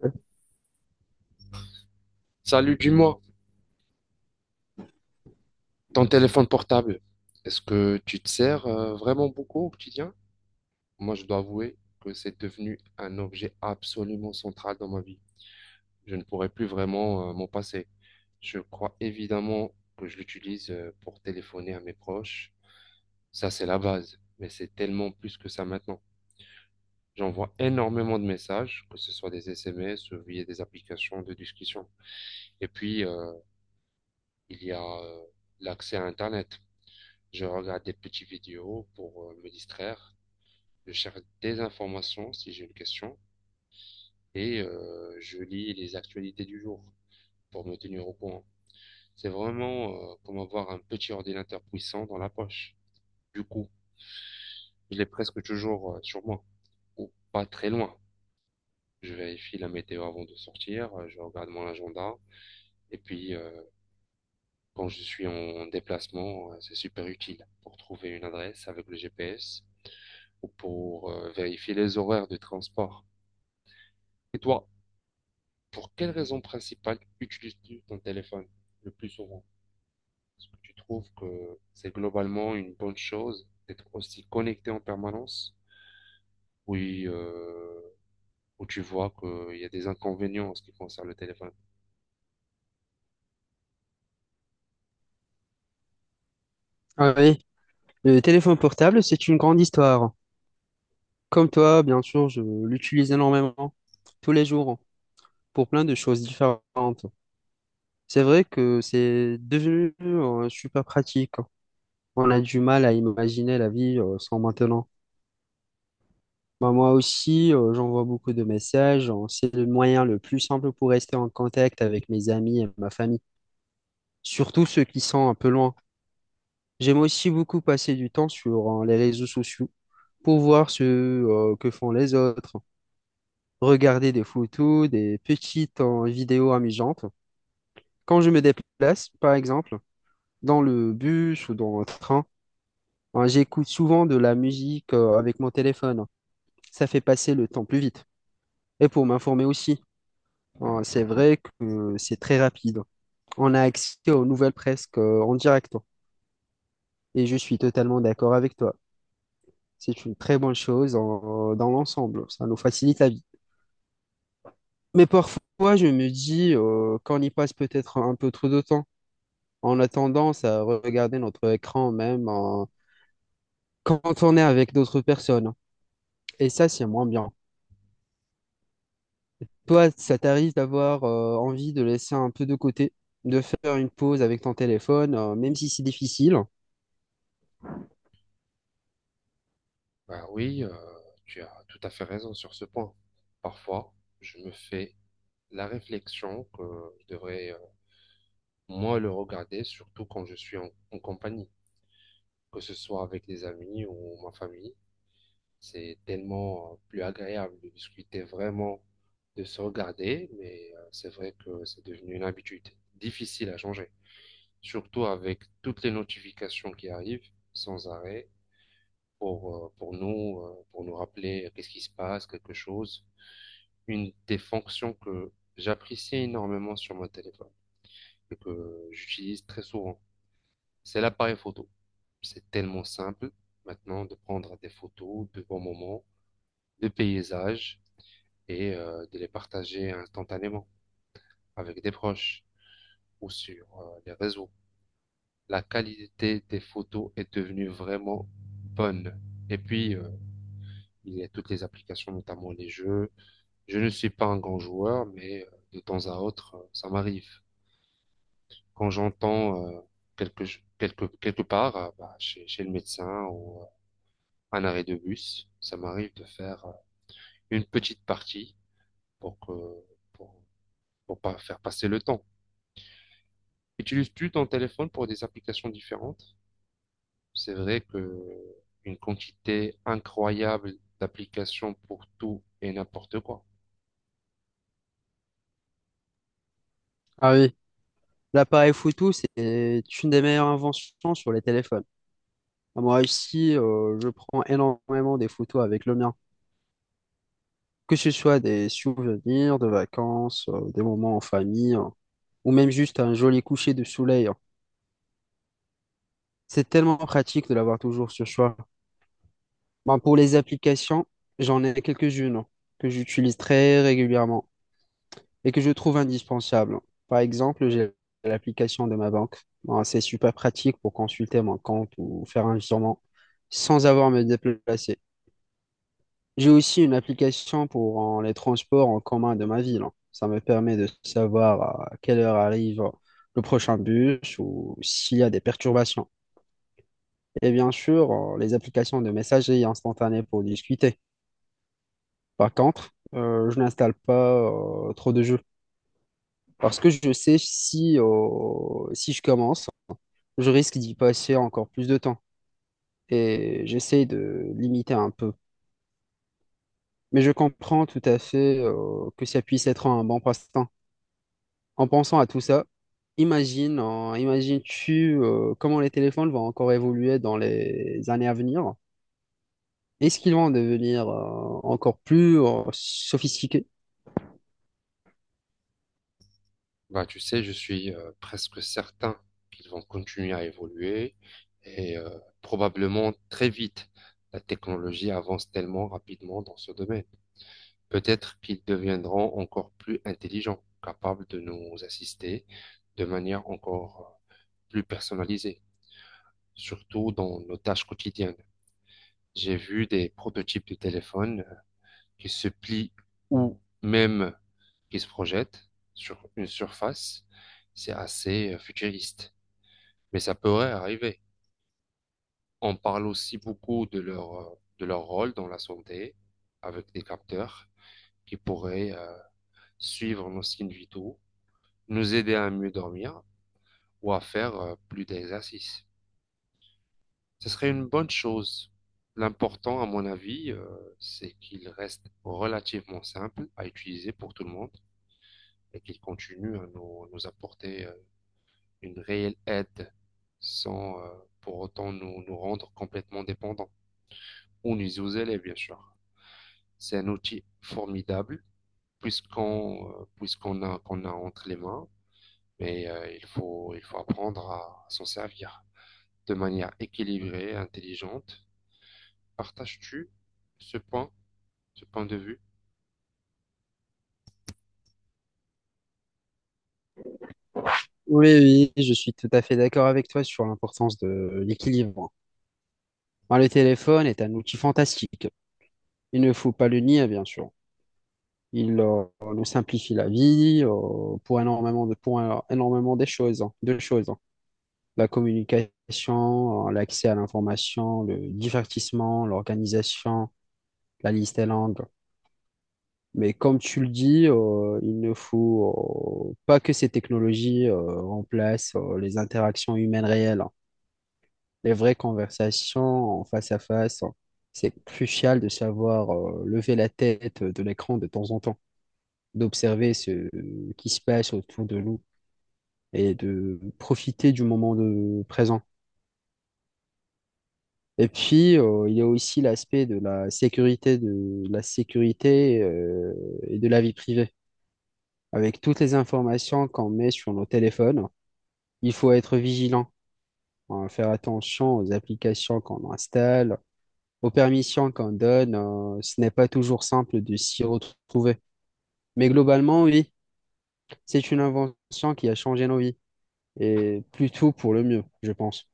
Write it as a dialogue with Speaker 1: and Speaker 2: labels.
Speaker 1: Sure.
Speaker 2: Salut, dis-moi, ton téléphone portable, est-ce que tu te sers vraiment beaucoup au quotidien? Moi, je dois avouer que c'est devenu un objet absolument central dans ma vie. Je ne pourrais plus vraiment m'en passer. Je crois évidemment que je l'utilise pour téléphoner à mes proches. Ça, c'est la base, mais c'est tellement plus que ça maintenant. J'envoie énormément de messages, que ce soit des SMS ou via des applications de discussion. Et puis, il y a L'accès à Internet. Je regarde des petites vidéos pour me distraire. Je cherche des informations si j'ai une question et je lis les actualités du jour pour me tenir au courant. C'est vraiment comme avoir un petit ordinateur puissant dans la poche. Du coup, je l'ai presque toujours sur moi ou pas très loin. Je vérifie la météo avant de sortir, je regarde mon agenda et puis quand je suis en déplacement, c'est super utile pour trouver une adresse avec le GPS ou pour vérifier les horaires de transport. Et toi, pour quelle raison principale utilises-tu ton téléphone le plus souvent? Est-ce que tu trouves que c'est globalement une bonne chose d'être aussi connecté en permanence? Oui, ou tu vois qu'il y a des inconvénients en ce qui concerne le téléphone?
Speaker 1: Ah oui, le téléphone portable, c'est une grande histoire. Comme toi, bien sûr, je l'utilise énormément, tous les jours, pour plein de choses différentes. C'est vrai que c'est devenu super pratique, hein. On a du mal à imaginer la vie sans maintenant. Bah, moi aussi, j'envoie beaucoup de messages, hein. C'est le moyen le plus simple pour rester en contact avec mes amis et ma famille, surtout ceux qui sont un peu loin. J'aime aussi beaucoup passer du temps sur les réseaux sociaux pour voir ce que font les autres, hein. Regarder des photos, des petites vidéos amusantes. Quand je me déplace, par exemple, dans le bus ou dans le train, hein, j'écoute souvent de la musique avec mon téléphone, hein. Ça fait passer le temps plus vite. Et pour m'informer aussi, hein, c'est vrai que c'est très rapide. On a accès aux nouvelles presque en direct, hein. Et je suis totalement d'accord avec toi. C'est une très bonne chose dans l'ensemble. Ça nous facilite la vie. Mais parfois, je me dis qu'on y passe peut-être un peu trop de temps. On a tendance à regarder notre écran même quand on est avec d'autres personnes, hein. Et ça, c'est moins bien. Toi, ça t'arrive d'avoir envie de laisser un peu de côté, de faire une pause avec ton téléphone, même si c'est difficile.
Speaker 2: Bah oui, tu as tout à fait raison sur ce point. Parfois, je me fais la réflexion que je devrais moins le regarder, surtout quand je suis en compagnie, que ce soit avec des amis ou ma famille. C'est tellement plus agréable de discuter vraiment, de se regarder, mais c'est vrai que c'est devenu une habitude difficile à changer, surtout avec toutes les notifications qui arrivent sans arrêt pour nous rappeler qu'est-ce qui se passe, quelque chose. Une des fonctions que j'apprécie énormément sur mon téléphone et que j'utilise très souvent, c'est l'appareil photo. C'est tellement simple maintenant de prendre des photos de bons moments, de paysages et de les partager instantanément avec des proches ou sur les réseaux. La qualité des photos est devenue vraiment bonne. Et puis, euh, il y a toutes les applications, notamment les jeux. Je ne suis pas un grand joueur, mais de temps à autre, ça m'arrive. Quand j'entends quelque part, bah, chez le médecin ou un arrêt de bus, ça m'arrive de faire une petite partie pour que, pour, pour pas faire passer le temps. Utilises-tu ton téléphone pour des applications différentes? C'est vrai que une quantité incroyable d'applications pour tout et n'importe quoi.
Speaker 1: Ah oui, l'appareil photo, c'est une des meilleures inventions sur les téléphones. Ah, moi ici, je prends énormément des photos avec le mien, que ce soit des souvenirs de vacances, des moments en famille, hein, ou même juste un joli coucher de soleil, hein. C'est tellement pratique de l'avoir toujours sur soi. Ben, pour les applications, j'en ai quelques-unes, hein, que j'utilise très régulièrement et que je trouve indispensable. Par exemple, j'ai l'application de ma banque. Bon, c'est super pratique pour consulter mon compte ou faire un virement sans avoir à me déplacer. J'ai aussi une application pour les transports en commun de ma ville. Ça me permet de savoir à quelle heure arrive le prochain bus ou s'il y a des perturbations. Et bien sûr, les applications de messagerie instantanée pour discuter. Par contre, je n'installe pas trop de jeux, parce que je sais si, si je commence, je risque d'y passer encore plus de temps. Et j'essaye de limiter un peu. Mais je comprends tout à fait, que ça puisse être un bon passe-temps. En pensant à tout ça, imagines-tu, comment les téléphones vont encore évoluer dans les années à venir? Est-ce qu'ils vont devenir, encore plus, sophistiqués?
Speaker 2: Bah, tu sais, je suis presque certain qu'ils vont continuer à évoluer et probablement très vite. La technologie avance tellement rapidement dans ce domaine. Peut-être qu'ils deviendront encore plus intelligents, capables de nous assister de manière encore plus personnalisée, surtout dans nos tâches quotidiennes. J'ai vu des prototypes de téléphones qui se plient ou même qui se projettent sur une surface. C'est assez futuriste, mais ça pourrait arriver. On parle aussi beaucoup de de leur rôle dans la santé avec des capteurs qui pourraient suivre nos signes vitaux, nous aider à mieux dormir ou à faire plus d'exercices. Ce serait une bonne chose. L'important, à mon avis, c'est qu'il reste relativement simple à utiliser pour tout le monde et qu'il continue à à nous apporter une réelle aide sans pour autant nous rendre complètement dépendants. Ou nous aux élèves, bien sûr. C'est un outil formidable puisqu'on puisqu'on a qu'on a entre les mains, mais il faut apprendre à s'en servir de manière équilibrée, intelligente. Partages-tu ce point? Ce point de vue
Speaker 1: Oui, oui, je suis tout à fait d'accord avec toi sur l'importance de l'équilibre. Ben, le téléphone est un outil fantastique. Il ne faut pas le nier, bien sûr. Il nous simplifie la vie pour énormément des choses, hein, de choses, hein. La communication, l'accès à l'information, le divertissement, l'organisation, la liste est longue. Mais comme tu le dis, il ne faut pas que ces technologies remplacent les interactions humaines réelles, hein. Les vraies conversations en face à face, hein, c'est crucial de savoir lever la tête de l'écran de temps en temps, d'observer ce qui se passe autour de nous et de profiter du moment de présent. Et puis, il y a aussi l'aspect de la sécurité, et de la vie privée. Avec toutes les informations qu'on met sur nos téléphones, il faut être vigilant, hein, faire attention aux applications qu'on installe, aux permissions qu'on donne, ce n'est pas toujours simple de s'y retrouver. Mais globalement, oui, c'est une invention qui a changé nos vies, et plutôt pour le mieux, je pense.